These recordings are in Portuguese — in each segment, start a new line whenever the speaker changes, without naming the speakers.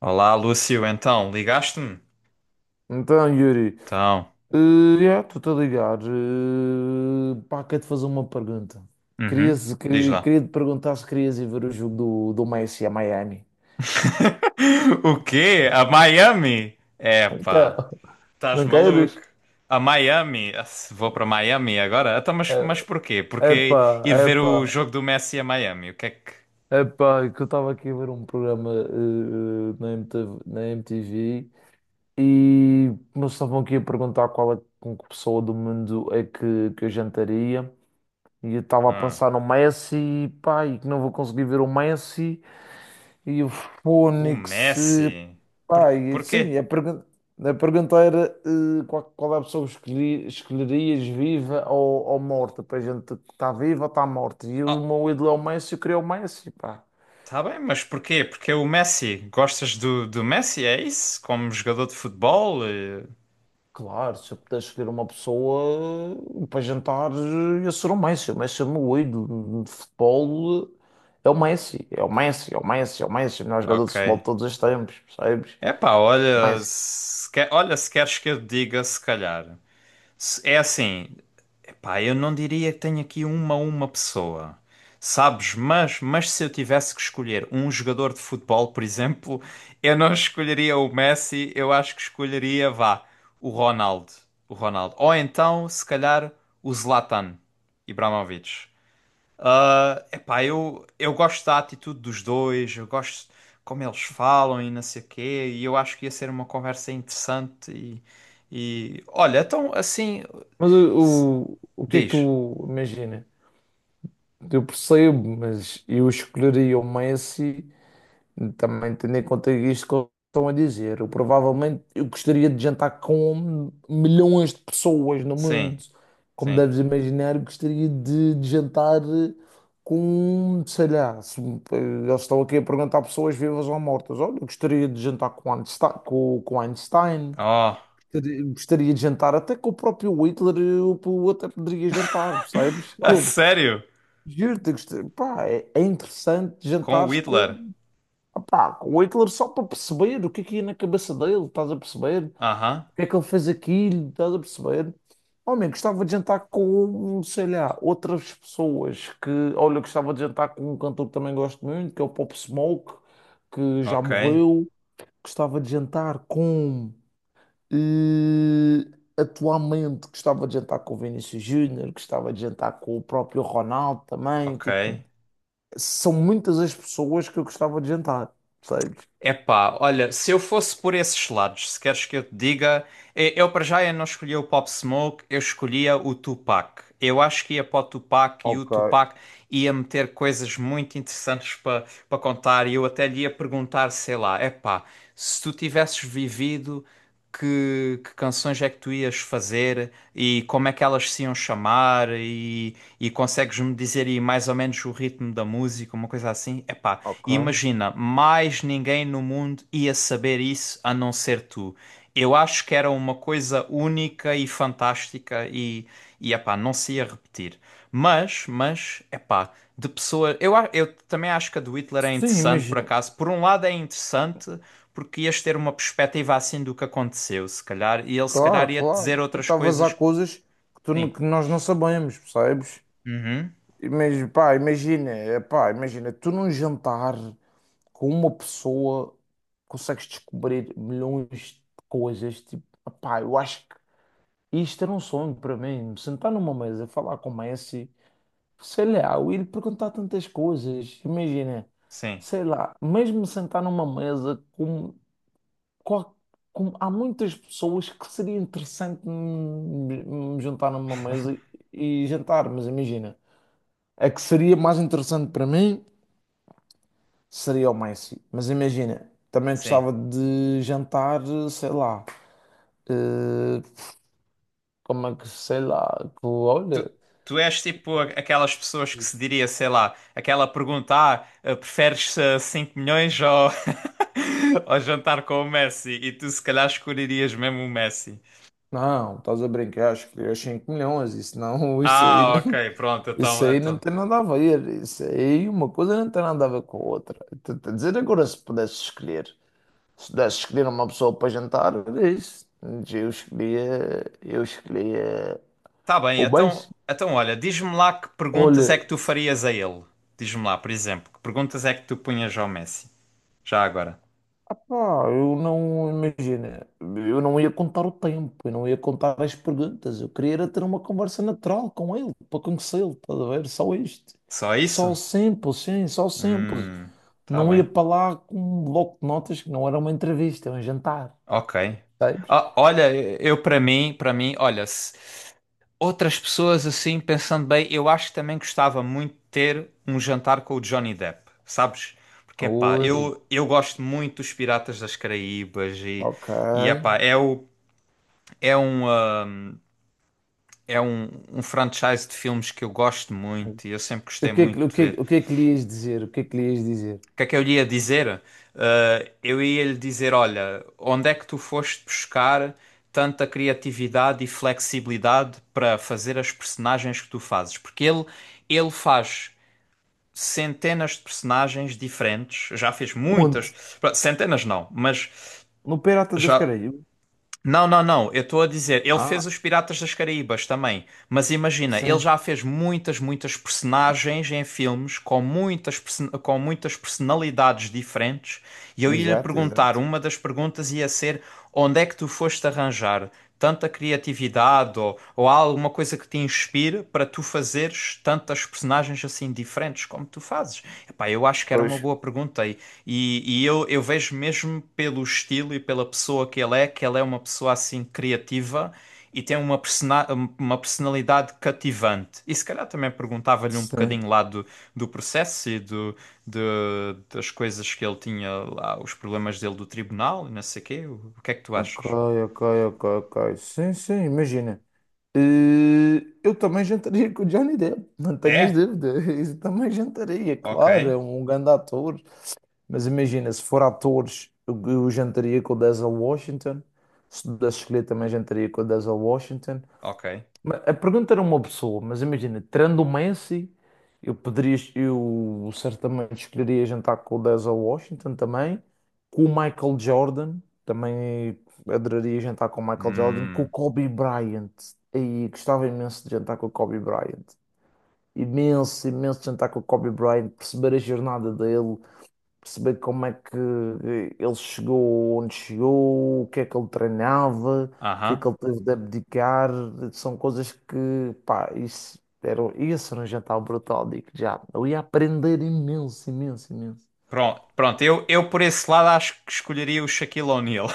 Olá, Lúcio, então, ligaste-me?
Então, Yuri,
Então,
eh, yeah, estou-te a ligar. Pá, quero-te fazer uma pergunta.
uhum, diz lá.
Queria te perguntar se querias ir ver o jogo do Messi a Miami.
O quê? A Miami? Epá,
Então,
estás
não
maluco?
queres?
A Miami? Ah, se vou para Miami agora? Então, mas,
É-
mas porquê? Porque
Epá,
ir ver
epá,
o jogo do Messi a Miami? O que é que.
Epá, é que eu estava aqui a ver um programa na MTV, na MTV e me estavam aqui a perguntar qual é com que pessoa do mundo é que eu jantaria. E eu estava a
Ah,
pensar no Messi, pá, e que não vou conseguir ver o Messi. E o
o
Fónix,
Messi? Por,
pá, e, sim,
Porquê?
a pergunta era qual é a pessoa que escolherias viva ou morta, para a gente que está viva ou está morta. E o
Oh,
meu ídolo é o Messi, eu queria o Messi, pá.
tá bem, mas porquê? Porque é o Messi. Gostas do Messi? É isso? Como jogador de futebol?
Claro, se eu pudesse escolher uma pessoa para jantar, ia ser o Messi. O Messi é o meu ídolo de futebol. É o Messi, é o Messi, é o Messi, é o Messi, o melhor jogador de
Ok.
futebol de todos os tempos, percebes?
Epá, olha,
Messi.
se quer- olha, se queres que eu diga, se calhar. É assim, epá, eu não diria que tenho aqui uma pessoa, sabes? Mas se eu tivesse que escolher um jogador de futebol, por exemplo, eu não escolheria o Messi, eu acho que escolheria, vá, o Ronaldo, o Ronaldo. Ou então, se calhar, o Zlatan Ibrahimovic. Ah, epá, eu gosto da atitude dos dois, eu gosto como eles falam e não sei o quê, e eu acho que ia ser uma conversa interessante e olha, então assim
Mas
s-
o que é que
diz.
tu imaginas? Eu percebo, mas eu escolheria o Messi, também tendo em conta isto que eles estão a dizer. Eu provavelmente eu gostaria de jantar com milhões de pessoas no
Sim,
mundo. Como
sim.
deves imaginar, eu gostaria de jantar com, sei lá, se, eles estão aqui a perguntar a pessoas vivas ou mortas. Olha, eu gostaria de jantar com Einstein, com Einstein.
Oh,
Gostaria de jantar até com o próprio Hitler, eu até poderia jantar, percebes?
a sério?
Juro-te, gostei. Pá, é interessante
Com o
jantares
Whittler?
com, pá, com o Hitler só para perceber o que é que ia na cabeça dele, estás a perceber?
Aham,
O que é que ele fez aquilo, estás a perceber? Homem, gostava de jantar com, sei lá, outras pessoas que, olha, gostava de jantar com um cantor que também gosto muito, que é o Pop Smoke, que já
ok,
morreu. Gostava de jantar com, eh, atualmente, gostava de jantar com o Vinícius Júnior, gostava de jantar com o próprio Ronaldo também,
ok.
tipo. São muitas as pessoas que eu gostava de jantar, percebes?
Epá, olha, se eu fosse por esses lados, se queres que eu te diga, eu para já eu não escolhia o Pop Smoke, eu escolhia o Tupac. Eu acho que ia para o Tupac e o
Ok,
Tupac ia meter coisas muito interessantes para contar e eu até lhe ia perguntar, sei lá, epá, se tu tivesses vivido, que canções é que tu ias fazer e como é que elas se iam chamar e consegues-me dizer aí mais ou menos o ritmo da música, uma coisa assim? Epá,
ok.
imagina, mais ninguém no mundo ia saber isso a não ser tu. Eu acho que era uma coisa única e fantástica e epá, não se ia repetir. Mas, epá, de pessoa. Eu também acho que a do Hitler é
Sim,
interessante, por
imagina.
acaso. Por um lado é interessante, porque ias ter uma perspectiva assim do que aconteceu, se calhar. E ele, se
Claro,
calhar, ia te dizer
claro. E
outras
talvez há
coisas.
coisas que, tu não-
Sim.
que nós não sabemos, percebes?
Uhum.
Imagina, pá, imagina, pá, imagina, tu num jantar com uma pessoa consegues descobrir milhões de coisas. Tipo, pá, eu acho que isto era um sonho para mim. Me sentar numa mesa, falar com o Messi, sei lá, o ir perguntar tantas coisas, imagina,
Sim,
sei lá, mesmo sentar numa mesa com, qual- com- há muitas pessoas que seria interessante me juntar numa mesa e jantar, mas imagina, a que seria mais interessante para mim seria o Messi, mas imagina, também
sim.
gostava de jantar, sei lá, eh, como é que, sei lá, com-
Tu,
olha,
tu és tipo aquelas pessoas que se diria, sei lá, aquela pergunta: ah, eh, preferes 5 milhões ou, ou jantar com o Messi? E tu se calhar escolherias mesmo o Messi.
não, estás a brincar, acho que 5 milhões, isso não, isso aí não.
Ah, ok, pronto,
Isso
então,
aí não
então.
tem nada a ver. Isso aí uma coisa não tem nada a ver com a outra. Estou a dizer agora, se pudesse escolher, se pudesse escolher uma pessoa para jantar, era isso. Mas eu escolhia, eu escolhia
Tá bem,
o
então,
beijo.
então olha, diz-me lá que perguntas é
Olha,
que tu farias a ele. Diz-me lá, por exemplo, que perguntas é que tu punhas ao Messi? Já agora.
apá, eu não imagina, eu não ia contar o tempo, eu não ia contar as perguntas. Eu queria era ter uma conversa natural com ele, para conhecê-lo, estás a ver? Só isto.
Só
Só
isso?
simples, sim, só simples.
Hum, tá
Não ia
bem.
para lá com um bloco de notas que não era uma entrevista, é um jantar,
Ok.
sabes?
Ah, olha, eu para mim, olha, se outras pessoas assim, pensando bem, eu acho que também gostava muito de ter um jantar com o Johnny Depp, sabes? Porque, epá,
Oi,
eu gosto muito dos Piratas das Caraíbas
ok.
e epá, é, o, é, um, ah, é um, um franchise de filmes que eu gosto muito e eu sempre
O
gostei
que é
muito de ver.
o que é que lhe ias dizer? O que é que lhe ias dizer?
O que é que eu lhe ia dizer? Ah, eu ia lhe dizer, olha, onde é que tu foste buscar tanta criatividade e flexibilidade para fazer as personagens que tu fazes? Porque ele faz centenas de personagens diferentes, já fez muitas,
Onde?
pá, centenas não, mas
No Pirata das
já
Caraíbas?
não, não, não. Eu estou a dizer, ele
Ah,
fez os Piratas das Caraíbas também. Mas imagina, ele
sim.
já fez muitas, muitas personagens em filmes com muitas personalidades diferentes. E eu ia-lhe
Exato,
perguntar,
exato.
uma das perguntas ia ser: onde é que tu foste arranjar tanta criatividade ou há alguma coisa que te inspire para tu fazeres tantas personagens assim diferentes como tu fazes? Epá, eu acho que era uma
Pois.
boa pergunta. E eu vejo mesmo pelo estilo e pela pessoa que ele é uma pessoa assim criativa e tem uma personalidade cativante. E se calhar também perguntava-lhe um
Sim.
bocadinho lá do processo e de, das coisas que ele tinha lá, os problemas dele do tribunal e não sei o quê. O que é que tu
Ok,
achas?
ok, ok, ok. Sim, sim, imagina. Eh, eu também jantaria com o Johnny Depp, não tenhas
É?
dúvida. Eu também jantaria,
Ok,
claro, é um grande ator. Mas imagina, se for atores, eu jantaria com o Denzel Washington. Se pudesse escolher, também jantaria com o Denzel Washington.
ok.
Mas a pergunta era uma pessoa, mas imagina, tirando o Messi, eu poderia, eu certamente escolheria jantar com o Denzel Washington também, com o Michael Jordan, também adoraria jantar com o Michael Jordan, com o
Hum,
Kobe Bryant. E gostava imenso de jantar com o Kobe Bryant. Imenso, imenso de jantar com o Kobe Bryant, perceber a jornada dele, perceber como é que ele chegou onde chegou, o que é que ele treinava, o que é que
aham.
ele teve de abdicar, são coisas que, pá, isso era um jantar brutal, digo já. Eu ia aprender imenso, imenso, imenso.
Pronto, pronto, eu por esse lado acho que escolheria o Shaquille O'Neal.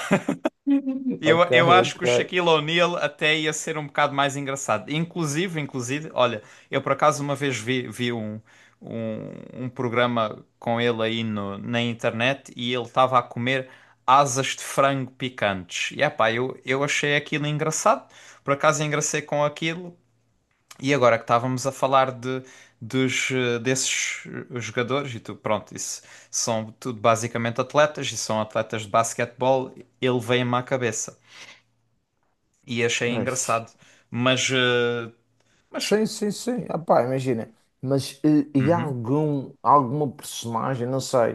Eu,
Ok,
eu acho
ok.
que o Shaquille O'Neal até ia ser um bocado mais engraçado. Inclusive, inclusive, olha, eu por acaso uma vez vi um, um programa com ele aí no, na internet e ele estava a comer asas de frango picantes. E epá, eu achei aquilo engraçado, por acaso engracei com aquilo. E agora que estávamos a falar desses jogadores, e tu, pronto, isso são tudo basicamente atletas, e são atletas de basquetebol, ele veio-me à cabeça e achei
Pois.
engraçado. Mas, eh, mas,
Sim, sim, sim. Ah, pá, imagina. Mas e há
uhum.
algum, alguma personagem, não sei,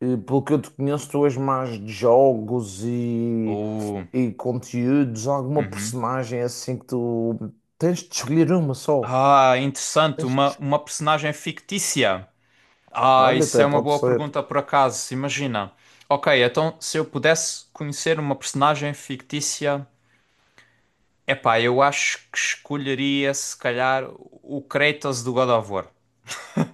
pelo que eu te conheço, tu és mais de jogos
Oh,
e conteúdos, alguma
uhum.
personagem assim que tu tens de escolher uma só.
Ah, interessante,
Tens de...
uma, uma personagem fictícia. Ah,
Olha,
isso
até
é uma
pode
boa
ser.
pergunta por acaso, imagina. Ok, então se eu pudesse conhecer uma personagem fictícia. Epá, eu acho que escolheria, se calhar, o Kratos do God of War.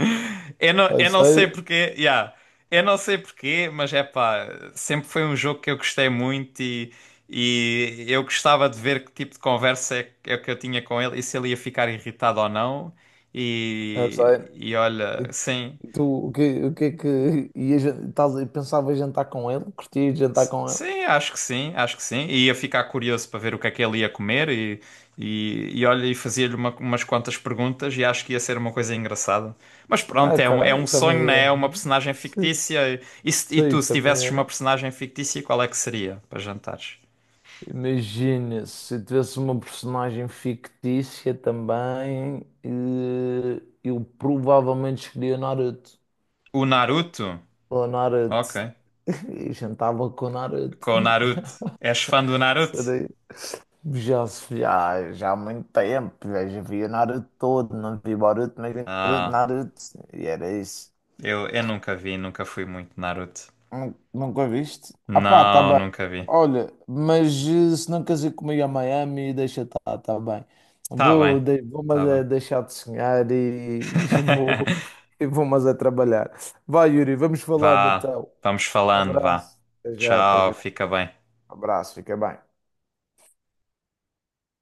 Eu não,
É
eu não sei
sério,
porquê, yeah. Eu não sei porquê, mas é pá, sempre foi um jogo que eu gostei muito e eu gostava de ver que tipo de conversa é que eu tinha com ele e se ele ia ficar irritado ou não.
é sério.
E olha,
E
sim.
e tu, o que é que ias, estás, pensava em jantar com ele? Curtias jantar com ele?
Sim, acho que sim, acho que sim. E ia ficar curioso para ver o que é que ele ia comer e olha, e fazia-lhe umas quantas perguntas e acho que ia ser uma coisa engraçada. Mas
Ah,
pronto, é
ok,
um, é um sonho,
também
né?
é.
É uma personagem
Sim,
fictícia. E, e
sim,
tu, se
também
tivesses
é.
uma personagem fictícia, qual é que seria para jantares?
Imagina, se tivesse uma personagem fictícia também, eu provavelmente escolhia Naruto.
O Naruto?
Ou
Ok.
Naruto. E jantava com Naruto.
Com o Naruto. És fã do Naruto?
Será? Já, se- já, já há muito tempo, já, já vi o Naruto todo, não vi Boruto, mas vi Naruto,
Ah,
Naruto. E era isso.
eu nunca vi, nunca fui muito Naruto.
Nunca viste? Ah pá, tá
Não,
bem.
nunca vi.
Olha, mas se não queres ir comigo a Miami, deixa estar, tá bem.
Tá
Vou,
bem,
vou mas
tá
é
bem.
deixar de sonhar e, e vou mas é trabalhar. Vai, Yuri, vamos falando
Vá,
então.
vamos
Um
falando, vá.
abraço. Até já, até
Tchau,
já.
fica bem.
Um abraço, fica bem.